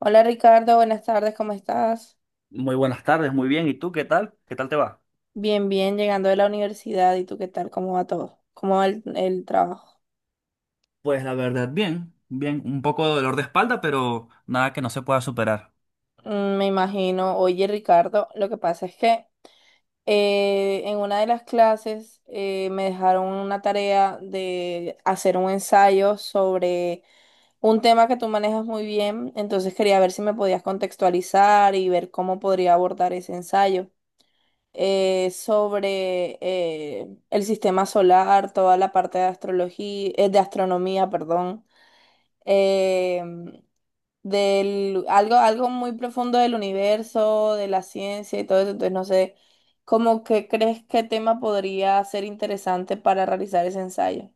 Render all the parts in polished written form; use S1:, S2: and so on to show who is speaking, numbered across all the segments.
S1: Hola Ricardo, buenas tardes, ¿cómo estás?
S2: Muy buenas tardes, muy bien. ¿Y tú qué tal? ¿Qué tal te va?
S1: Bien, bien, llegando de la universidad. ¿Y tú qué tal? ¿Cómo va todo? ¿Cómo va el trabajo?
S2: Pues la verdad, bien, bien, un poco de dolor de espalda, pero nada que no se pueda superar.
S1: Me imagino. Oye Ricardo, lo que pasa es que en una de las clases me dejaron una tarea de hacer un ensayo sobre un tema que tú manejas muy bien, entonces quería ver si me podías contextualizar y ver cómo podría abordar ese ensayo. Sobre el sistema solar, toda la parte de astrología, de astronomía, perdón, eh, del, algo muy profundo del universo, de la ciencia y todo eso. Entonces, no sé, ¿cómo que crees qué tema podría ser interesante para realizar ese ensayo?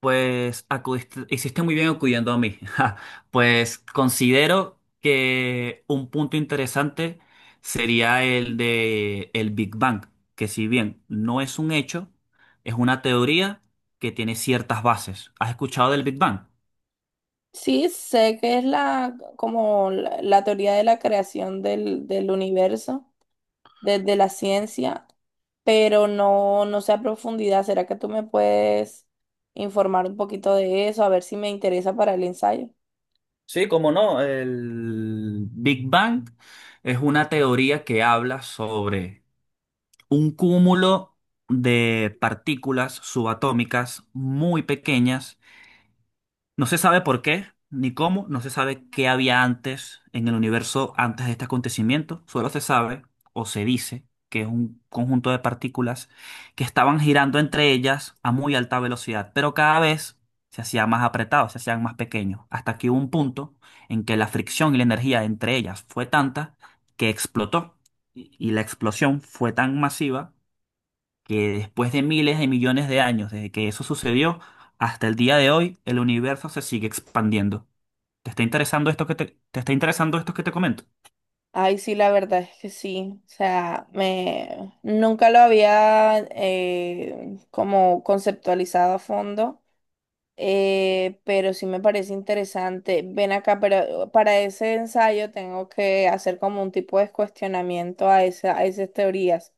S2: Pues hiciste muy bien acudiendo a mí. Ja, pues considero que un punto interesante sería el de el Big Bang, que si bien no es un hecho, es una teoría que tiene ciertas bases. ¿Has escuchado del Big Bang?
S1: Sí, sé que es la teoría de la creación del universo, desde la ciencia, pero no, no sé a profundidad. ¿Será que tú me puedes informar un poquito de eso? A ver si me interesa para el ensayo.
S2: Sí, cómo no. El Big Bang es una teoría que habla sobre un cúmulo de partículas subatómicas muy pequeñas. No se sabe por qué ni cómo, no se sabe qué había antes en el universo antes de este acontecimiento, solo se sabe o se dice que es un conjunto de partículas que estaban girando entre ellas a muy alta velocidad, pero cada vez se hacían más apretados, se hacían más pequeños, hasta que hubo un punto en que la fricción y la energía entre ellas fue tanta que explotó, y la explosión fue tan masiva que después de miles de millones de años desde que eso sucedió hasta el día de hoy, el universo se sigue expandiendo. ¿Te está interesando esto que te, te está interesando esto que te comento?
S1: Ay, sí, la verdad es que sí. O sea, me nunca lo había como conceptualizado a fondo, pero sí me parece interesante. Ven acá, pero para ese ensayo tengo que hacer como un tipo de cuestionamiento a a esas teorías.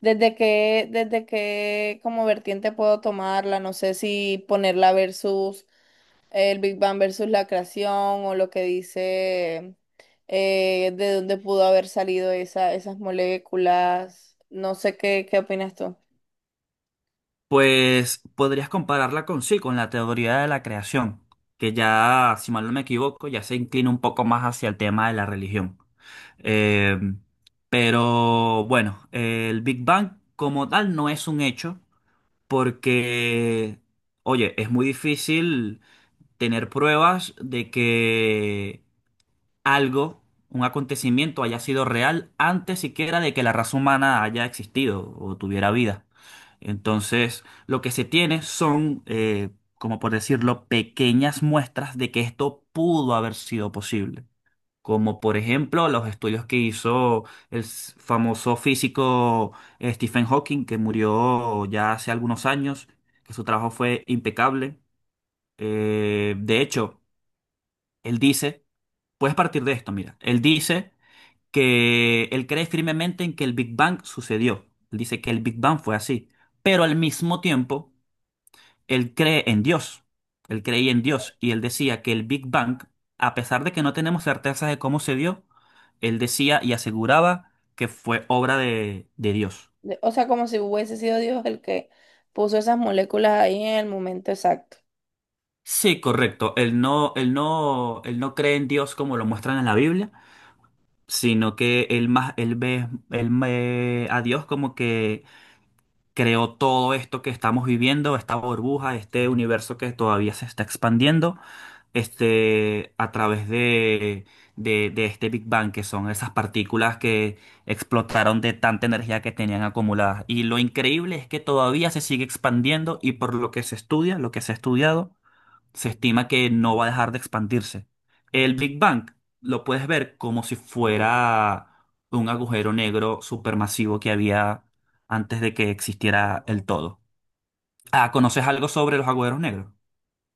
S1: Desde qué como vertiente puedo tomarla? No sé si ponerla versus el Big Bang versus la creación o lo que dice de dónde pudo haber salido esas moléculas. No sé qué, qué opinas tú.
S2: Pues podrías compararla con, sí, con la teoría de la creación, que ya, si mal no me equivoco, ya se inclina un poco más hacia el tema de la religión. Eh, pero bueno, el Big Bang como tal no es un hecho, porque, oye, es muy difícil tener pruebas de que algo, un acontecimiento haya sido real antes siquiera de que la raza humana haya existido o tuviera vida. Entonces, lo que se tiene son, como por decirlo, pequeñas muestras de que esto pudo haber sido posible. Como por ejemplo los estudios que hizo el famoso físico Stephen Hawking, que murió ya hace algunos años, que su trabajo fue impecable. De hecho, él dice, puedes partir de esto, mira, él dice que él cree firmemente en que el Big Bang sucedió. Él dice que el Big Bang fue así, pero al mismo tiempo, él cree en Dios. Él creía en Dios y él decía que el Big Bang, a pesar de que no tenemos certeza de cómo se dio, él decía y aseguraba que fue obra de Dios.
S1: De- O sea, como si hubiese sido Dios el que puso esas moléculas ahí en el momento exacto.
S2: Sí, correcto. Él no cree en Dios como lo muestran en la Biblia, sino que él ve a Dios como que creó todo esto que estamos viviendo, esta burbuja, este universo que todavía se está expandiendo, este, a través de, de este Big Bang, que son esas partículas que explotaron de tanta energía que tenían acumulada. Y lo increíble es que todavía se sigue expandiendo y por lo que se estudia, lo que se ha estudiado, se estima que no va a dejar de expandirse. El Big Bang lo puedes ver como si fuera un agujero negro supermasivo que había antes de que existiera el todo. Ah, ¿conoces algo sobre los agujeros negros?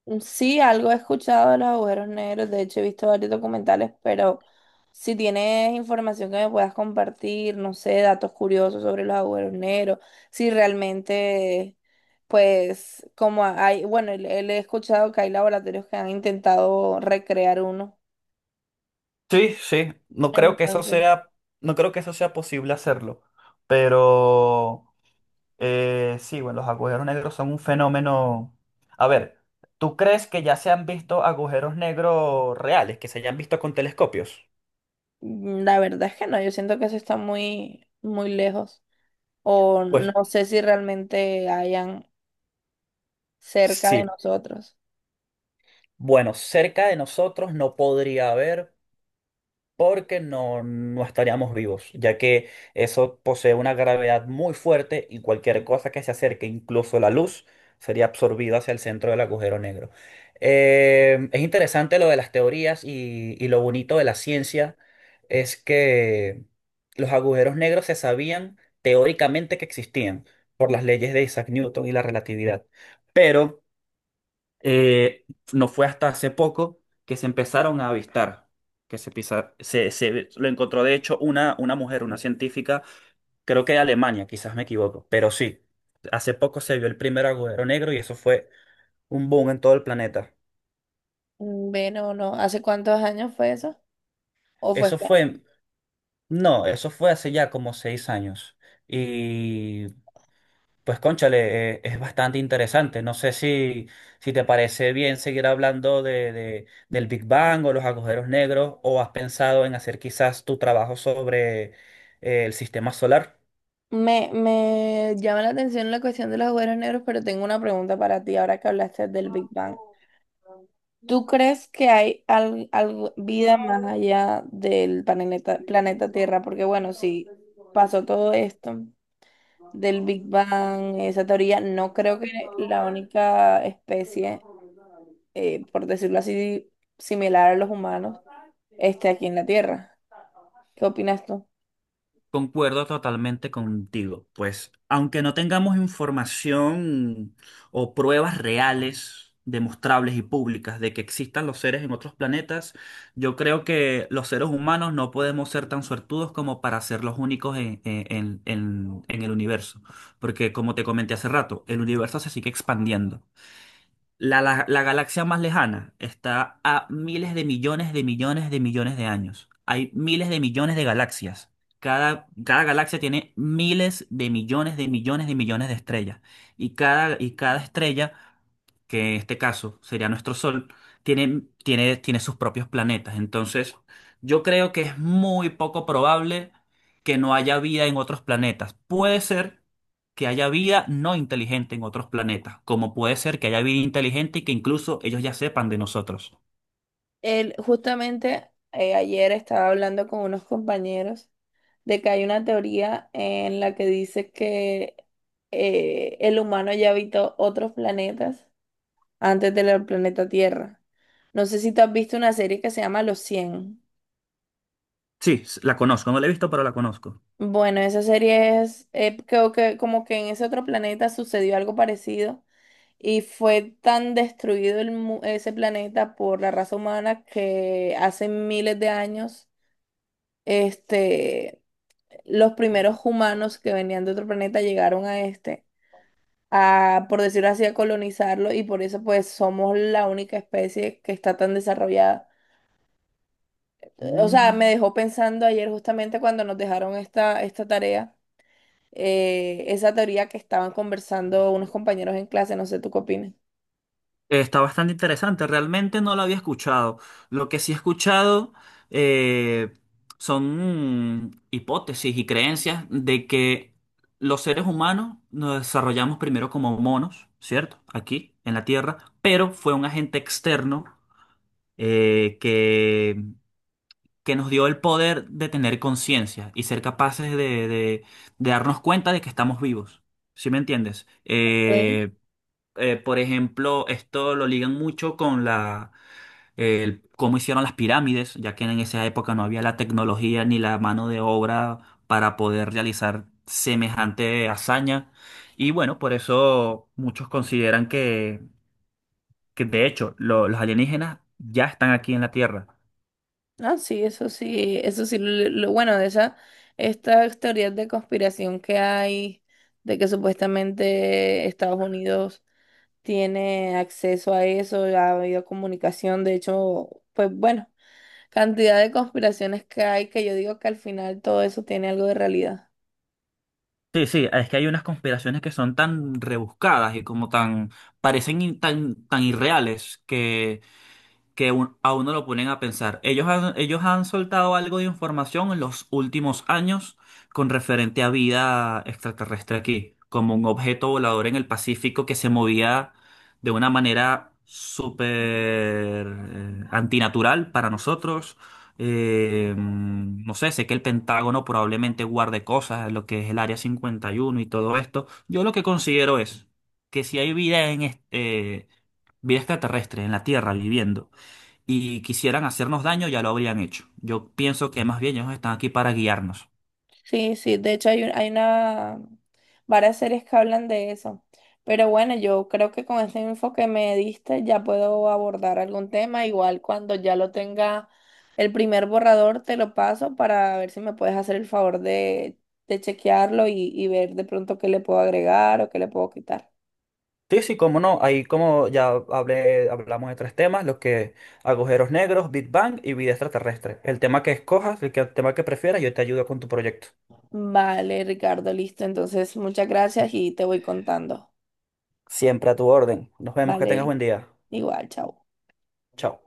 S1: Sí, algo he escuchado de los agujeros negros, de hecho he visto varios documentales, pero si tienes información que me puedas compartir, no sé, datos curiosos sobre los agujeros negros, si realmente, pues, como hay, bueno, le he escuchado que hay laboratorios que han intentado recrear uno,
S2: Sí, sí, no creo que eso
S1: entonces,
S2: sea, no creo que eso sea posible hacerlo, pero sí, bueno, los agujeros negros son un fenómeno. A ver, ¿tú crees que ya se han visto agujeros negros reales, que se hayan visto con telescopios?
S1: mm, la verdad es que no, yo siento que eso está muy, muy lejos, o
S2: Pues
S1: no sé si realmente hayan cerca de
S2: sí,
S1: nosotros.
S2: bueno, cerca de nosotros no podría haber porque no, no estaríamos vivos, ya que eso posee una gravedad muy fuerte y cualquier cosa que se acerque, incluso la luz, sería absorbida hacia el centro del agujero negro. Es interesante lo de las teorías y lo bonito de la ciencia es que los agujeros negros se sabían teóricamente que existían por las leyes de Isaac Newton y la relatividad, pero... Eh, no fue hasta hace poco que se empezaron a avistar, que se, pisa- se- lo encontró de hecho una mujer, una científica, creo que de Alemania, quizás me equivoco, pero sí, hace poco se vio el primer agujero negro y eso fue un boom en todo el planeta.
S1: Bueno, no, ¿hace cuántos años fue eso? ¿O fue
S2: Eso
S1: este año?
S2: fue, no, eso fue hace ya como seis años. Y pues cónchale, es bastante interesante. No sé si, te parece bien seguir hablando del Big Bang o los agujeros negros, o has pensado en hacer quizás tu trabajo sobre el sistema solar.
S1: Me llama la atención la cuestión de los agujeros negros, pero tengo una pregunta para ti ahora que hablaste del Big Bang. ¿Tú crees que hay al- algo- vida más allá del planeta, planeta Tierra? Porque bueno, si pasó todo esto del Big Bang, esa teoría, no creo que la única especie, por decirlo así, similar a los humanos, esté aquí en la Tierra. ¿Qué opinas tú?
S2: Concuerdo totalmente contigo. Pues, aunque no tengamos información o pruebas reales, demostrables y públicas de que existan los seres en otros planetas, yo creo que los seres humanos no podemos ser tan suertudos como para ser los únicos en el universo. Porque, como te comenté hace rato, el universo se sigue expandiendo. La galaxia más lejana está a miles de millones de millones de millones de años. Hay miles de millones de galaxias. Cada galaxia tiene miles de millones de millones de millones de estrellas. Y cada estrella, que en este caso sería nuestro Sol, tiene sus propios planetas. Entonces, yo creo que es muy poco probable que no haya vida en otros planetas. Puede ser que haya vida no inteligente en otros planetas, como puede ser que haya vida inteligente y que incluso ellos ya sepan de nosotros.
S1: Él, justamente ayer estaba hablando con unos compañeros de que hay una teoría en la que dice que el humano ya habitó otros planetas antes del planeta Tierra. No sé si tú has visto una serie que se llama Los Cien.
S2: Sí, la conozco, no la he visto, pero la conozco.
S1: Bueno, esa serie es, creo que como que en ese otro planeta sucedió algo parecido y fue tan destruido el mu- ese planeta por la raza humana, que hace miles de años, este, los primeros humanos que venían de otro planeta llegaron a este, a, por decirlo así, a colonizarlo, y por eso pues somos la única especie que está tan desarrollada. O sea,
S2: Mm.
S1: me dejó pensando ayer justamente cuando nos dejaron esta tarea, esa teoría que estaban conversando unos compañeros en clase, no sé, ¿tú qué opinas?
S2: Está bastante interesante, realmente no la había escuchado. Lo que sí he escuchado eh, son hipótesis y creencias de que los seres humanos nos desarrollamos primero como monos, ¿cierto? Aquí en la Tierra, pero fue un agente externo eh, que que nos dio el poder de tener conciencia y ser capaces de- de darnos cuenta de que estamos vivos. ¿Sí me entiendes?
S1: Ok.
S2: Por ejemplo, esto lo ligan mucho con cómo hicieron las pirámides, ya que en esa época no había la tecnología ni la mano de obra para poder realizar semejante hazaña. Y bueno, por eso muchos consideran que de hecho, los alienígenas ya están aquí en la Tierra.
S1: Ah, sí, eso sí, eso sí, lo- bueno de esa, estas teorías de conspiración que hay, de que supuestamente Estados Unidos tiene acceso a eso, ha habido comunicación, de hecho, pues bueno, cantidad de conspiraciones que hay, que yo digo que al final todo eso tiene algo de realidad.
S2: Sí, sí, es que hay unas conspiraciones que son tan rebuscadas y como tan, parecen tan irreales que que a uno lo ponen a pensar. Ellos han soltado algo de información en los últimos años con referente a vida extraterrestre aquí, como un objeto volador en el Pacífico que se movía de una manera súper antinatural para nosotros. No sé, sé que el Pentágono probablemente guarde cosas, lo que es el Área 51 y uno y todo esto. Yo lo que considero es que si hay vida en este, vida extraterrestre en la Tierra viviendo y quisieran hacernos daño, ya lo habrían hecho. Yo pienso que más bien ellos están aquí para guiarnos.
S1: Sí, sí, de hecho hay, un- hay una, varias series que hablan de eso, pero bueno, yo creo que con este info que me diste ya puedo abordar algún tema, igual cuando ya lo tenga el primer borrador te lo paso para ver si me puedes hacer el favor de chequearlo y ver de pronto qué le puedo agregar o qué le puedo quitar.
S2: Sí, sí, cómo no. Ahí como ya hablamos de tres temas, los que agujeros negros, Big Bang y vida extraterrestre. El tema que escojas, el tema que prefieras, yo te ayudo con tu proyecto.
S1: Vale, Ricardo, listo. Entonces, muchas gracias y te voy contando.
S2: Siempre a tu orden. Nos vemos, que tengas
S1: Vale,
S2: buen día.
S1: igual, chao.
S2: Chao.